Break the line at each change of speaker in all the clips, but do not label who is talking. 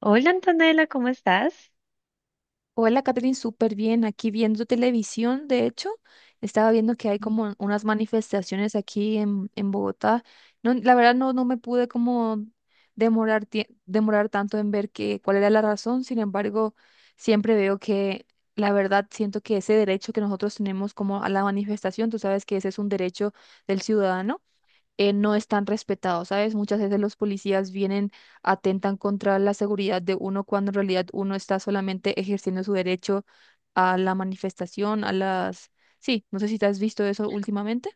Hola Antonella, ¿cómo estás?
Hola, Catherine, súper bien. Aquí viendo televisión, de hecho, estaba viendo que hay como unas manifestaciones aquí en Bogotá. No, la verdad no, no me pude como demorar, demorar tanto en ver que, cuál era la razón. Sin embargo, siempre veo que la verdad siento que ese derecho que nosotros tenemos como a la manifestación, tú sabes que ese es un derecho del ciudadano, no están respetados, ¿sabes? Muchas veces los policías vienen, atentan contra la seguridad de uno cuando en realidad uno está solamente ejerciendo su derecho a la manifestación, a las... Sí, no sé si te has visto eso últimamente.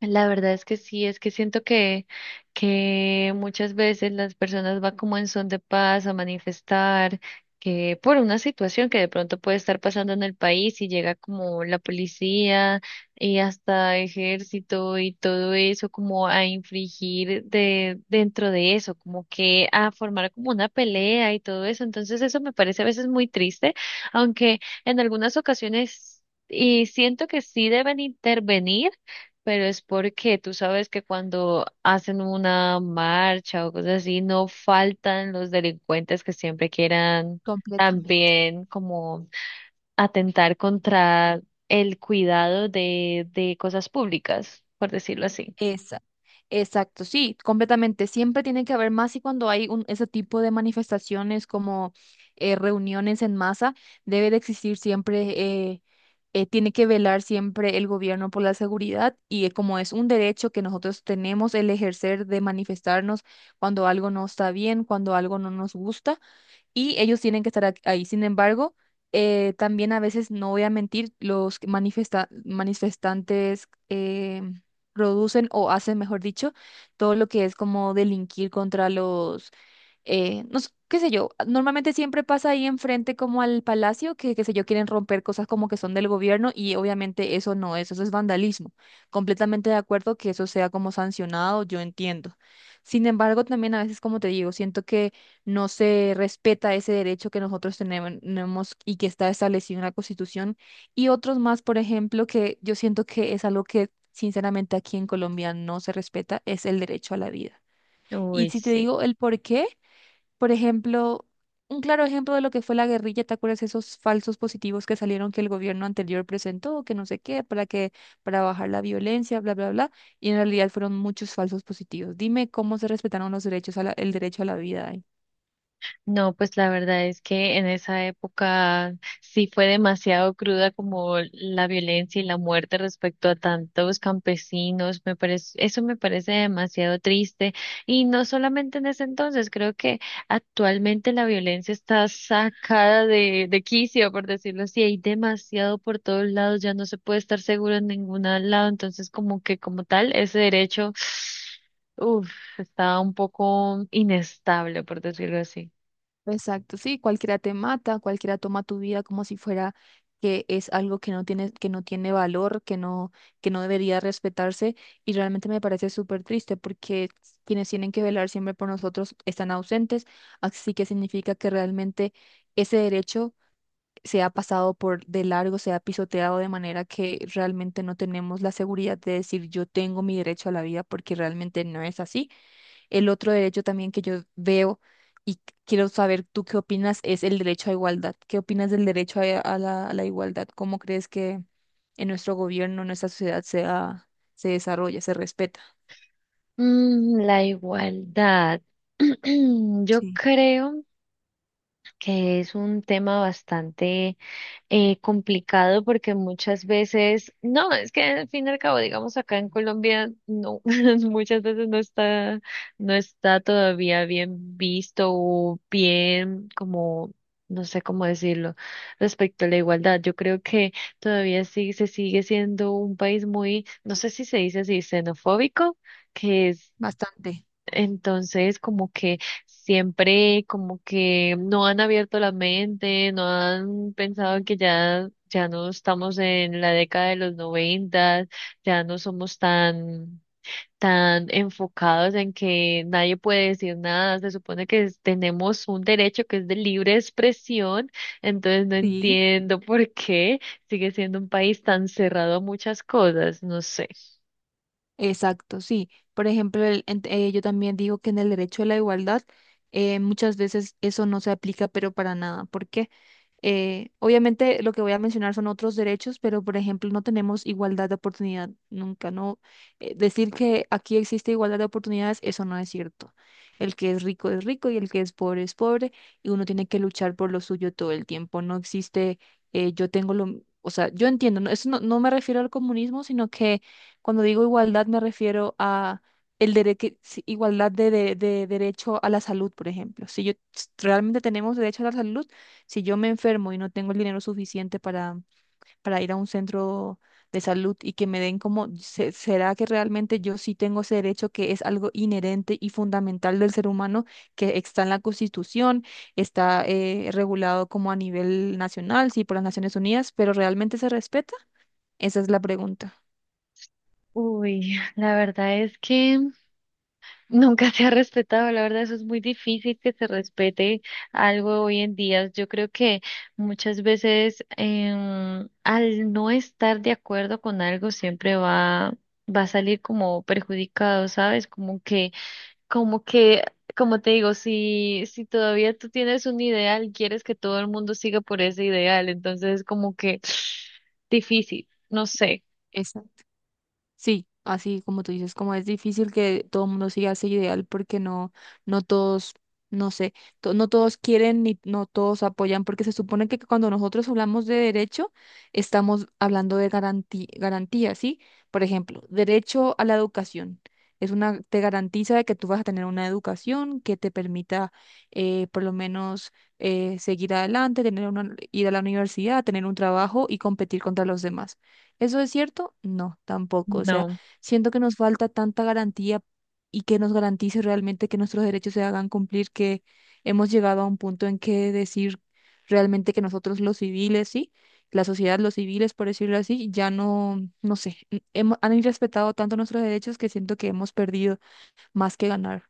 La verdad es que sí, es que siento que muchas veces las personas van como en son de paz a manifestar que por una situación que de pronto puede estar pasando en el país y llega como la policía y hasta ejército y todo eso como a infringir de dentro de eso, como que a formar como una pelea y todo eso. Entonces eso me parece a veces muy triste, aunque en algunas ocasiones y siento que sí deben intervenir, pero es porque tú sabes que cuando hacen una marcha o cosas así, no faltan los delincuentes que siempre quieran
Completamente.
también como atentar contra el cuidado de cosas públicas, por decirlo así.
Exacto. Exacto, sí, completamente. Siempre tiene que haber más y cuando hay ese tipo de manifestaciones como reuniones en masa, debe de existir siempre, eh, tiene que velar siempre el gobierno por la seguridad y, como es un derecho que nosotros tenemos el ejercer de manifestarnos cuando algo no está bien, cuando algo no nos gusta y ellos tienen que estar ahí. Sin embargo, también a veces, no voy a mentir, los que manifestantes, producen o hacen, mejor dicho, todo lo que es como delinquir contra los, no sé, qué sé yo, normalmente siempre pasa ahí enfrente como al palacio, que qué sé yo, quieren romper cosas como que son del gobierno y obviamente eso no es, eso es vandalismo. Completamente de acuerdo que eso sea como sancionado, yo entiendo. Sin embargo, también a veces, como te digo, siento que no se respeta ese derecho que nosotros tenemos y que está establecido en la Constitución y otros más, por ejemplo, que yo siento que es algo que sinceramente aquí en Colombia no se respeta, es el derecho a la vida. Y
Uy,
si te
sí.
digo el por qué, por ejemplo, un claro ejemplo de lo que fue la guerrilla, ¿te acuerdas esos falsos positivos que salieron que el gobierno anterior presentó, que no sé qué, para que para bajar la violencia, bla, bla, bla? Y en realidad fueron muchos falsos positivos. Dime cómo se respetaron los derechos a el derecho a la vida ahí.
No, pues la verdad es que en esa época sí fue demasiado cruda como la violencia y la muerte respecto a tantos campesinos. Me parece, eso me parece demasiado triste. Y no solamente en ese entonces, creo que actualmente la violencia está sacada de quicio, por decirlo así. Hay demasiado por todos lados, ya no se puede estar seguro en ningún lado. Entonces, como que como tal, ese derecho, uff, está un poco inestable, por decirlo así.
Exacto, sí, cualquiera te mata, cualquiera toma tu vida como si fuera que es algo que no tiene valor, que no debería respetarse, y realmente me parece súper triste porque quienes tienen que velar siempre por nosotros están ausentes, así que significa que realmente ese derecho se ha pasado por de largo, se ha pisoteado de manera que realmente no tenemos la seguridad de decir yo tengo mi derecho a la vida porque realmente no es así. El otro derecho también que yo veo y quiero saber tú qué opinas es el derecho a igualdad. ¿Qué opinas del derecho a la igualdad? ¿Cómo crees que en nuestro gobierno, en nuestra sociedad se, se desarrolla, se respeta?
Mm, la igualdad. Yo
Sí.
creo que es un tema bastante complicado porque muchas veces, no, es que al fin y al cabo, digamos acá en Colombia, no, muchas veces no está, no está todavía bien visto o bien como, no sé cómo decirlo, respecto a la igualdad. Yo creo que todavía sí se sigue siendo un país muy, no sé si se dice así, xenofóbico, que es
Bastante.
entonces, como que siempre, como que no han abierto la mente, no han pensado que ya, ya no estamos en la década de los noventas, ya no somos tan, tan enfocados en que nadie puede decir nada. Se supone que tenemos un derecho que es de libre expresión, entonces no
Sí.
entiendo por qué sigue siendo un país tan cerrado a muchas cosas, no sé.
Exacto, sí. Por ejemplo, yo también digo que en el derecho a la igualdad, muchas veces eso no se aplica, pero para nada. ¿Por qué? Obviamente lo que voy a mencionar son otros derechos, pero por ejemplo no tenemos igualdad de oportunidad nunca, ¿no? Decir que aquí existe igualdad de oportunidades, eso no es cierto. El que es rico y el que es pobre y uno tiene que luchar por lo suyo todo el tiempo. No existe, yo tengo lo, o sea, yo entiendo, ¿no? Eso no, no me refiero al comunismo, sino que cuando digo igualdad me refiero a... El derecho, igualdad de, de derecho a la salud, por ejemplo. Si yo realmente tenemos derecho a la salud, si yo me enfermo y no tengo el dinero suficiente para ir a un centro de salud y que me den como, se- ¿será que realmente yo sí tengo ese derecho que es algo inherente y fundamental del ser humano, que está en la Constitución, está, regulado como a nivel nacional, sí, por las Naciones Unidas, pero realmente se respeta? Esa es la pregunta.
Uy, la verdad es que nunca se ha respetado, la verdad, eso es muy difícil que se respete algo hoy en día. Yo creo que muchas veces al no estar de acuerdo con algo siempre va, va a salir como perjudicado, ¿sabes? Como que, como te digo, si, si todavía tú tienes un ideal, quieres que todo el mundo siga por ese ideal, entonces es como que difícil, no sé,
Sí, así como tú dices, como es difícil que todo el mundo siga ese ideal porque no, no todos, no sé, no todos quieren ni no todos apoyan, porque se supone que cuando nosotros hablamos de derecho, estamos hablando de garantía, garantía, ¿sí? Por ejemplo, derecho a la educación. Es una, te garantiza de que tú vas a tener una educación que te permita, por lo menos, seguir adelante, tener una, ir a la universidad, tener un trabajo y competir contra los demás. ¿Eso es cierto? No, tampoco. O sea,
no.
siento que nos falta tanta garantía y que nos garantice realmente que nuestros derechos se hagan cumplir, que hemos llegado a un punto en que decir realmente que nosotros los civiles, sí, la sociedad, los civiles, por decirlo así, ya no, no sé, hemos, han irrespetado tanto nuestros derechos que siento que hemos perdido más que ganar.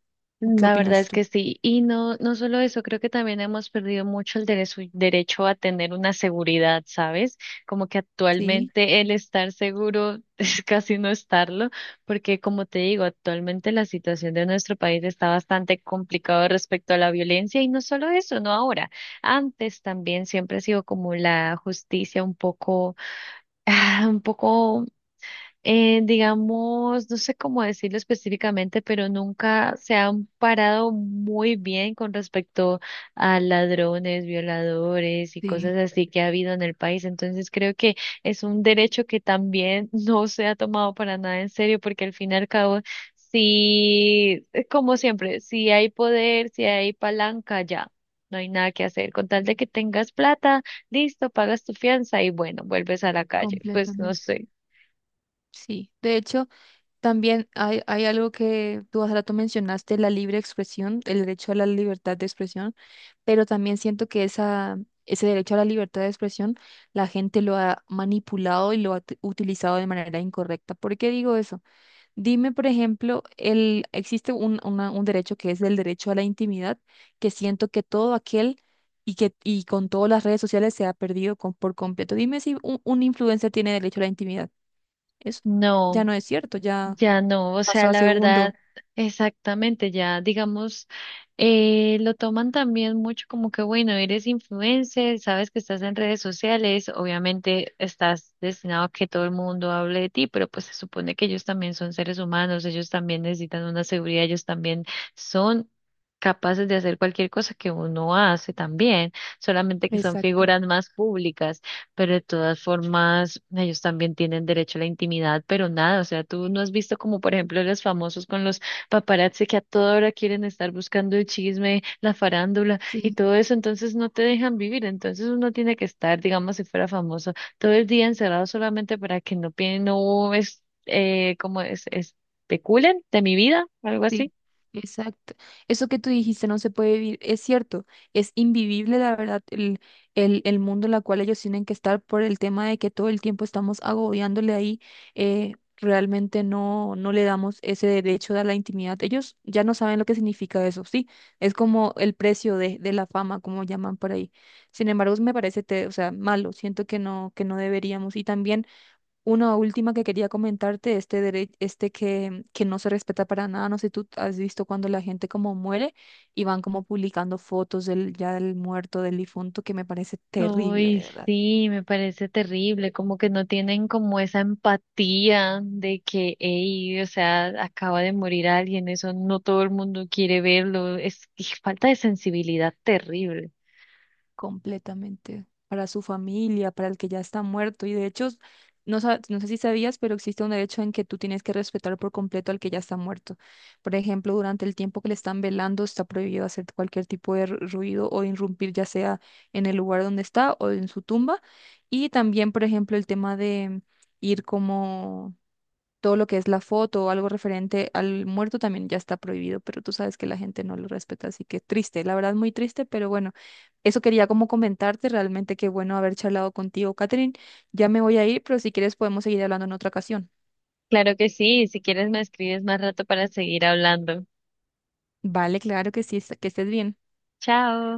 ¿Qué
La verdad
opinas
es
tú?
que sí. Y no, no solo eso, creo que también hemos perdido mucho el derecho a tener una seguridad, ¿sabes? Como que
Sí,
actualmente el estar seguro es casi no estarlo, porque como te digo, actualmente la situación de nuestro país está bastante complicada respecto a la violencia y no solo eso, no ahora. Antes también siempre ha sido como la justicia un poco, ah, un poco digamos, no sé cómo decirlo específicamente, pero nunca se han parado muy bien con respecto a ladrones, violadores y
sí,
cosas así que ha habido en el país. Entonces creo que es un derecho que también no se ha tomado para nada en serio, porque al fin y al cabo, si, es como siempre, si hay poder, si hay palanca, ya. No hay nada que hacer. Con tal de que tengas plata, listo, pagas tu fianza y bueno, vuelves a la calle. Pues no
completamente.
sé.
Sí, de hecho, también hay algo que tú hace rato mencionaste, la libre expresión, el derecho a la libertad de expresión, pero también siento que esa, ese derecho a la libertad de expresión la gente lo ha manipulado y lo ha utilizado de manera incorrecta. ¿Por qué digo eso? Dime, por ejemplo, el, existe un, un derecho que es el derecho a la intimidad, que siento que todo aquel y que y con todas las redes sociales se ha perdido por completo. Dime si un, un influencer tiene derecho a la intimidad. Eso
No.
ya no es cierto, ya
Ya no, o
pasó
sea,
a
la
segundo.
verdad, exactamente, ya digamos, lo toman también mucho como que, bueno, eres influencer, sabes que estás en redes sociales, obviamente estás destinado a que todo el mundo hable de ti, pero pues se supone que ellos también son seres humanos, ellos también necesitan una seguridad, ellos también son capaces de hacer cualquier cosa que uno hace también, solamente que son
Exacto.
figuras más públicas, pero de todas formas, ellos también tienen derecho a la intimidad, pero nada, o sea, tú no has visto como, por ejemplo, los famosos con los paparazzi que a toda hora quieren estar buscando el chisme, la farándula y
Sí,
todo eso, entonces no te dejan vivir, entonces uno tiene que estar, digamos, si fuera famoso, todo el día encerrado solamente para que no, no es, como es, especulen de mi vida, algo
sí,
así.
exacto. Eso que tú dijiste no se puede vivir, es cierto, es invivible la verdad el mundo en el cual ellos tienen que estar por el tema de que todo el tiempo estamos agobiándole ahí, eh, realmente no, no le damos ese derecho a la intimidad. Ellos ya no saben lo que significa eso, sí, es como el precio de la fama, como llaman por ahí. Sin embargo, me parece, te- o sea, malo, siento que no deberíamos. Y también una última que quería comentarte, este derecho, este que no se respeta para nada, no sé si tú has visto cuando la gente como muere y van como publicando fotos del ya del muerto, del difunto, que me parece terrible,
Uy,
de verdad.
sí, me parece terrible, como que no tienen como esa empatía de que, ey, o sea, acaba de morir alguien, eso no todo el mundo quiere verlo, es y falta de sensibilidad terrible.
Completamente, para su familia, para el que ya está muerto. Y de hecho, no, no sé si sabías, pero existe un derecho en que tú tienes que respetar por completo al que ya está muerto. Por ejemplo, durante el tiempo que le están velando, está prohibido hacer cualquier tipo de ruido o irrumpir, ya sea en el lugar donde está o en su tumba. Y también, por ejemplo, el tema de ir como todo lo que es la foto o algo referente al muerto también ya está prohibido, pero tú sabes que la gente no lo respeta, así que triste, la verdad muy triste, pero bueno, eso quería como comentarte, realmente qué bueno haber charlado contigo, Catherine. Ya me voy a ir, pero si quieres podemos seguir hablando en otra ocasión.
Claro que sí, si quieres me escribes más rato para seguir hablando.
Vale, claro que sí, que estés bien.
Chao.